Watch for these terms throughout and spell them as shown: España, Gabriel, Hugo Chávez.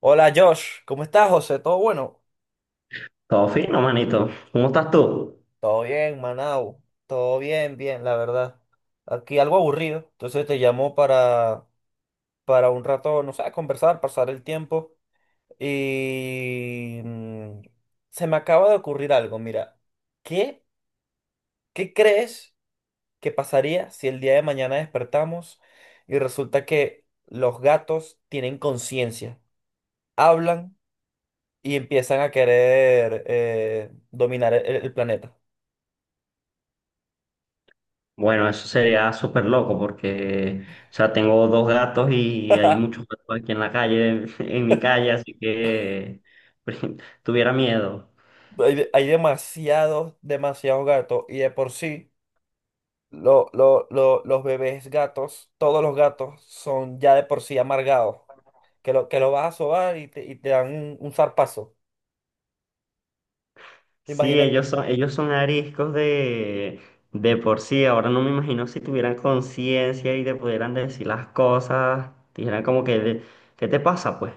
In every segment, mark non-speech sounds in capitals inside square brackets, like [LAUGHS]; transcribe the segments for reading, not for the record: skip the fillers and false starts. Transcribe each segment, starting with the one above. Hola Josh, ¿cómo estás, José? ¿Todo bueno? Todo fino, manito. ¿Cómo estás tú? Todo bien, Manau. Todo bien, bien, la verdad. Aquí algo aburrido. Entonces te llamo para un rato, no sé, conversar, pasar el tiempo. Y se me acaba de ocurrir algo, mira. ¿Qué, ¿Qué crees que pasaría si el día de mañana despertamos y resulta que los gatos tienen conciencia, hablan y empiezan a querer dominar el planeta? Bueno, eso sería súper loco porque, o sea, tengo dos gatos y hay [LAUGHS] muchos gatos aquí en la calle, [LAUGHS] en mi calle, así que [LAUGHS] tuviera miedo. Hay, hay demasiados, demasiados gatos y de por sí los bebés gatos, todos los gatos son ya de por sí amargados, que lo vas a sobar y te dan un zarpazo. Sí, Imagínate, ellos son ariscos de por sí. Ahora no me imagino si tuvieran conciencia y te pudieran decir las cosas. Dijeran como que, ¿qué te pasa, pues?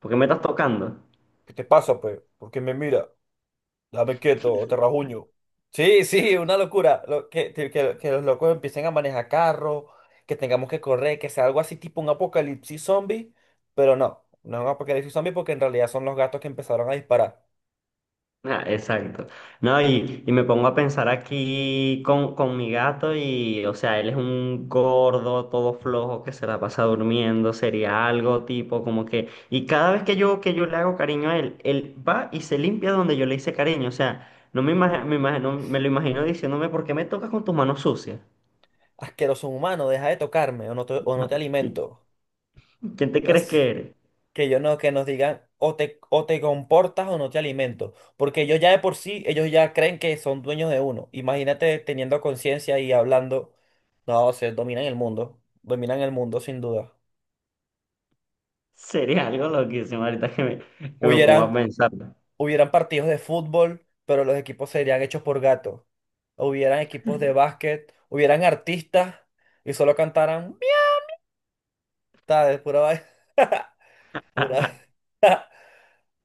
¿Por qué me estás tocando? ¿qué te pasa, pues? ¿Porque me mira? Dame quieto o te rajuño. Sí, sí, una locura. Lo, que los locos empiecen a manejar carros, que tengamos que correr, que sea algo así tipo un apocalipsis zombie, pero no, no es un apocalipsis zombie porque en realidad son los gatos que empezaron a disparar. Ah, exacto. No, y me pongo a pensar aquí con mi gato y, o sea, él es un gordo, todo flojo, que se la pasa durmiendo, sería algo tipo como que... Y cada vez que yo le hago cariño a él, él va y se limpia donde yo le hice cariño. O sea, no me imagino, me imagino, me lo imagino diciéndome, ¿por qué me tocas con tus manos sucias? Asqueroso humano, deja de tocarme o no te [LAUGHS] alimento. ¿Qui- ¿Quién te crees Así que eres? [LAUGHS] que yo no, que nos digan o te comportas o no te alimento. Porque ellos ya de por sí, ellos ya creen que son dueños de uno. Imagínate teniendo conciencia y hablando. No, se dominan el mundo. Dominan el mundo sin duda. Sería algo loquísimo que me pongo a Hubieran, pensar. hubieran partidos de fútbol, pero los equipos serían hechos por gatos. Hubieran equipos de básquet, hubieran artistas y solo cantaran mierda de pura vaina. [LAUGHS] [LAUGHS]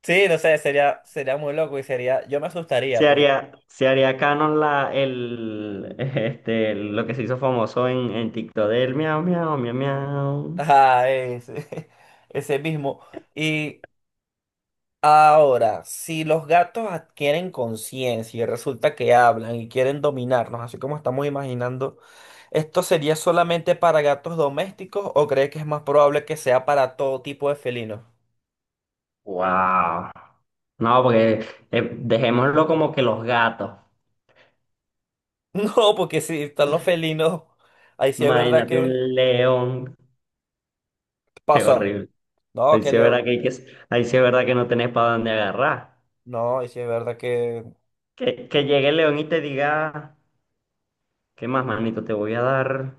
Sí, no sé, sería, sería muy loco y sería, yo me asustaría por se haría canon [LAUGHS] lo que se hizo famoso en TikTok del miau, miau, miau, miau. ajá, ese, [LAUGHS] ese mismo. Y ahora, si los gatos adquieren conciencia y resulta que hablan y quieren dominarnos, así como estamos imaginando, ¿esto sería solamente para gatos domésticos o crees que es más probable que sea para todo tipo de felinos? [LAUGHS] Wow. No, porque dejémoslo como que los gatos. No, porque si están los felinos, ahí sí es verdad Imagínate un que león. [LAUGHS] Qué pasa. horrible. No, Ahí que sí es verdad Leo, que, hay que, ahí sí es verdad que no tenés para dónde agarrar. no, ahí sí es verdad que Que llegue el león y te diga, ¿qué más, manito? Te voy a dar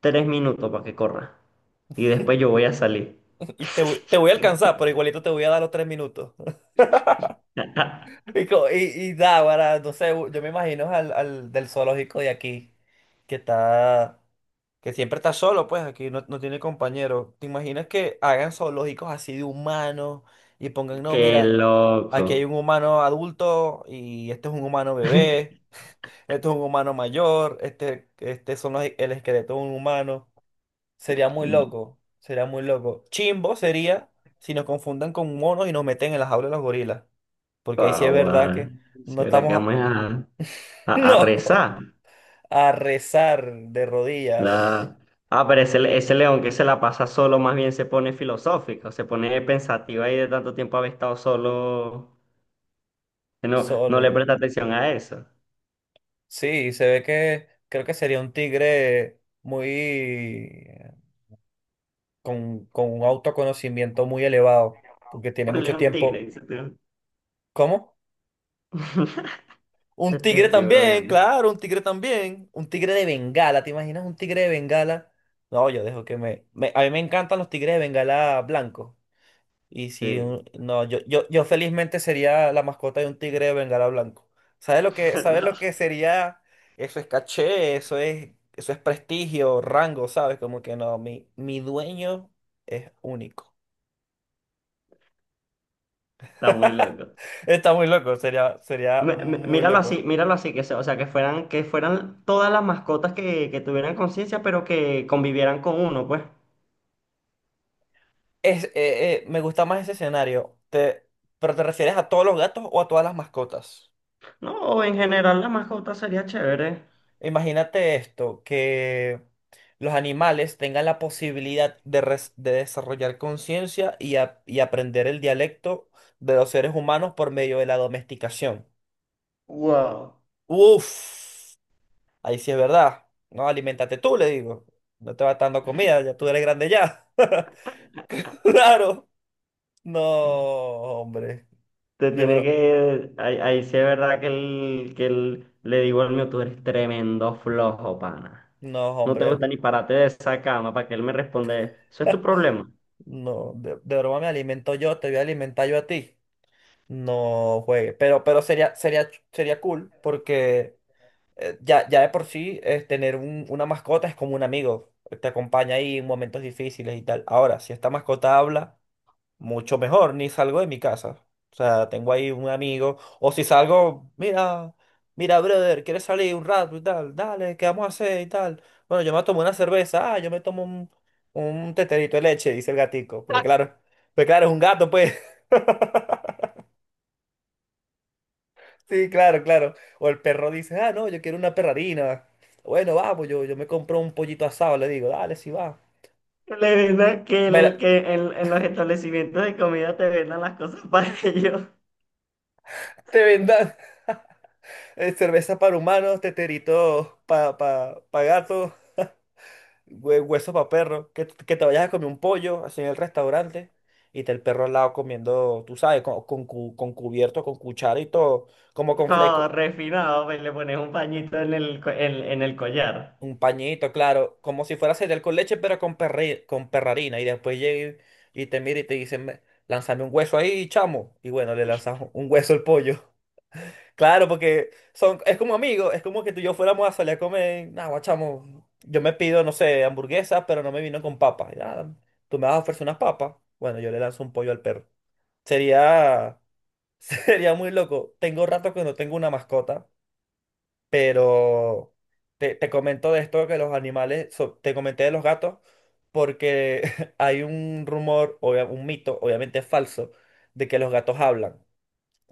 3 minutos para que corra. Y después yo voy a salir. y te, te voy a alcanzar, pero igualito te voy a dar los 3 minutos. [LAUGHS] [LAUGHS] Y, y da, para, no sé, yo me imagino al, al del zoológico de aquí, que está, que siempre está solo, pues aquí no, no tiene compañero. ¿Te imaginas que hagan zoológicos así de humanos y pongan, no, Qué mira, aquí hay loco. un humano adulto y este es un humano [LAUGHS] bebé, este es un humano mayor, este son el esqueleto de un humano. Sería muy loco, sería muy loco. Chimbo sería si nos confundan con monos y nos meten en las aulas de los gorilas. Porque ahí sí es verdad Ahora, que no si ahora que estamos a... vamos [LAUGHS] a No, rezar. a rezar de rodillas La... Ah, ese león que se la pasa solo más bien se pone filosófico, se pone pensativo ahí de tanto tiempo haber estado solo, que no, no le solo. presta atención a eso. Sí, se ve que creo que sería un tigre muy... con un autoconocimiento muy elevado. Porque tiene Un mucho león tigre, tiempo. dice tú. ¿Cómo? [LAUGHS] Un tigre estoy también, bromeando. claro, un tigre también. Un tigre de Bengala, ¿te imaginas un tigre de Bengala? No, yo dejo que me... a mí me encantan los tigres de Bengala blancos. Y si... Sí. No, yo felizmente sería la mascota de un tigre de Bengala blanco. [LAUGHS] Sabes No, lo que sería? Eso es caché, eso es prestigio, rango, ¿sabes? Como que no, mi dueño es único. está muy [LAUGHS] loco. Está muy loco, sería, sería muy loco. Míralo así, o sea, que fueran todas las mascotas que tuvieran conciencia, pero que convivieran con uno, pues. Es, me gusta más ese escenario. Pero ¿te refieres a todos los gatos o a todas las mascotas? No, en general la mascota sería chévere. Imagínate esto, que los animales tengan la posibilidad de, de desarrollar conciencia y, y aprender el dialecto de los seres humanos por medio de la domesticación. Wow. Uf, ahí sí es verdad. No, alimentate tú, le digo. No te vas dando comida, ya tú eres grande ya. [LAUGHS] Claro. No, hombre. Te De tiene bro. que. Ahí sí es verdad que le digo al mío, tú eres tremendo flojo, pana. No, No te hombre. gusta ni pararte de esa cama para que él me responda. Eso es tu problema. [LAUGHS] No, de broma me alimento yo, te voy a alimentar yo a ti. No juegue. Pero sería, sería, sería cool porque ya, ya de por sí tener una mascota es como un amigo. Te acompaña ahí en momentos difíciles y tal. Ahora, si esta mascota habla mucho mejor, ni salgo de mi casa. O sea, tengo ahí un amigo, o si salgo, mira, mira, brother, ¿quieres salir un rato y tal? Dale, ¿qué vamos a hacer y tal? Bueno, yo me tomo una cerveza, ah, yo me tomo un teterito de leche, dice el gatico, porque claro, pues claro, es un gato, pues. [LAUGHS] Sí, claro, claro. O el perro dice, ah, no, yo quiero una perrarina. Bueno, vamos, yo me compro un pollito asado, le digo, dale, si va. Le vendan que, Me el, la- que en los establecimientos de comida te vendan las cosas para [LAUGHS] ellos. te vendan [LAUGHS] cerveza para humanos, teterito para pa gatos. Hueso para perro, que, que te vayas a comer un pollo así en el restaurante y te el perro al lado comiendo, tú sabes, con, con cubierto, con cuchara y todo, como con No, fleco, refinado, pues le pones un pañito en el collar. un pañito, claro, como si fuera cereal con leche, pero con, con perrarina. Y después llega y te mira y te dice, lánzame un hueso ahí, chamo. Y bueno, le lanzas un hueso al pollo. Claro, porque son, es como amigos, es como que tú y yo fuéramos a salir a comer, nah, guachamo, yo me pido, no sé, hamburguesas, pero no me vino con papas. Y, "Ah, tú me vas a ofrecer unas papas. Bueno, yo le lanzo un pollo al perro. Sería, [LAUGHS] sería muy loco. Tengo rato que no tengo una mascota, pero te comento de esto que los animales, te comenté de los gatos, porque [LAUGHS] hay un rumor, un mito, obviamente falso, de que los gatos hablan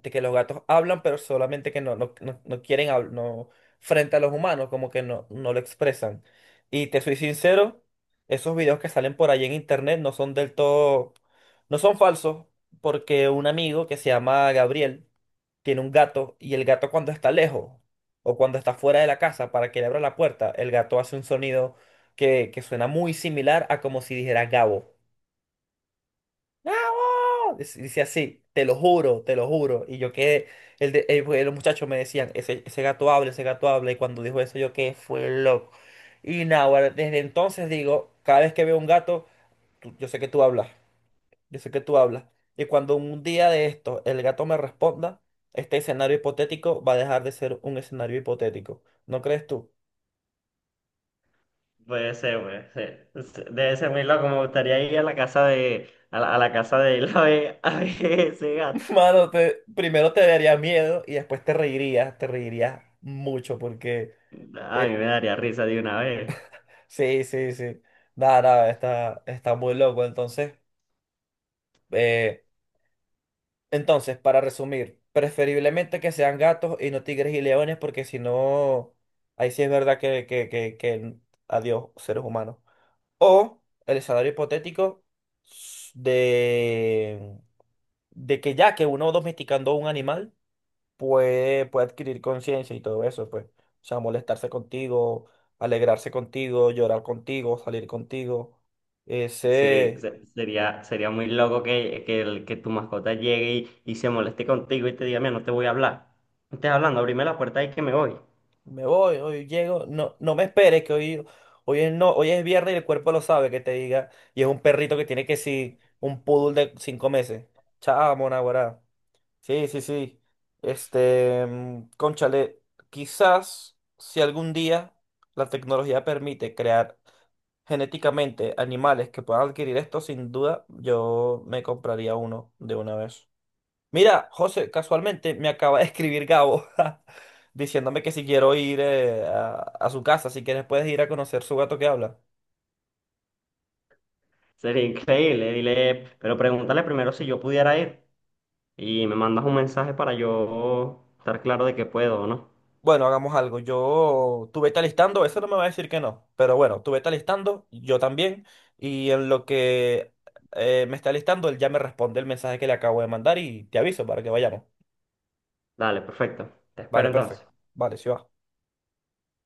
de que los gatos hablan, pero solamente que no, no, no, no quieren hablar, no, frente a los humanos, como que no, no lo expresan. Y te soy sincero, esos videos que salen por ahí en internet no son del todo, no son falsos, porque un amigo que se llama Gabriel tiene un gato y el gato cuando está lejos o cuando está fuera de la casa para que le abra la puerta, el gato hace un sonido que suena muy similar a como si dijera Gabo. Dice así, te lo juro, te lo juro. Y yo quedé, el de, pues, los muchachos me decían, ese gato habla, ese gato habla. Y cuando dijo eso, yo quedé, fue loco. Y nada, ahora, desde entonces digo, cada vez que veo un gato, yo sé que tú hablas, yo sé que tú hablas. Y cuando un día de esto el gato me responda, este escenario hipotético va a dejar de ser un escenario hipotético. ¿No crees tú? Puede ser, puede ser. Es- Debe ser muy loco. Me gustaría ir a la casa de él [LAUGHS] a ver ese gato. [LAUGHS] Mano, primero te daría miedo y después te reirías mucho porque... A mí eh, me daría risa de una vez. sí, sí, sí. Nada, nada, está, está muy loco. Entonces, eh, entonces, para resumir, preferiblemente que sean gatos y no tigres y leones, porque si no, ahí sí es verdad que adiós, seres humanos. O el escenario hipotético s- de, de que ya que uno domesticando un animal puede, puede adquirir conciencia y todo eso, pues. O sea, molestarse contigo, alegrarse contigo, llorar contigo, salir contigo. Sí, Ese, sería muy loco que tu mascota llegue y se moleste contigo y te diga, mira, no te voy a hablar. No estés hablando, abrime la puerta y que me voy. me voy, hoy llego, no, no me esperes que hoy, hoy es no, hoy es viernes y el cuerpo lo sabe que te diga, y es un perrito que tiene que sí, un poodle de 5 meses. Chamo, naguará. Sí, sí, sí. Este, cónchale, quizás si algún día la tecnología permite crear genéticamente animales que puedan adquirir esto, sin duda yo me compraría uno de una vez. Mira, José, casualmente me acaba de escribir Gabo [LAUGHS] diciéndome que si quiero ir a su casa, si quieres puedes ir a conocer su gato que habla. Sería increíble. Dile, pero pregúntale primero si yo pudiera ir y me mandas un mensaje para yo estar claro de que puedo o no. Bueno, hagamos algo. Yo, tú vete alistando, eso no me va a decir que no, pero bueno, tú vete alistando, yo también, y en lo que me está alistando, él ya me responde el mensaje que le acabo de mandar y te aviso para que vayamos. Dale, perfecto. Te espero Vale, entonces. perfecto. Vale, sí va.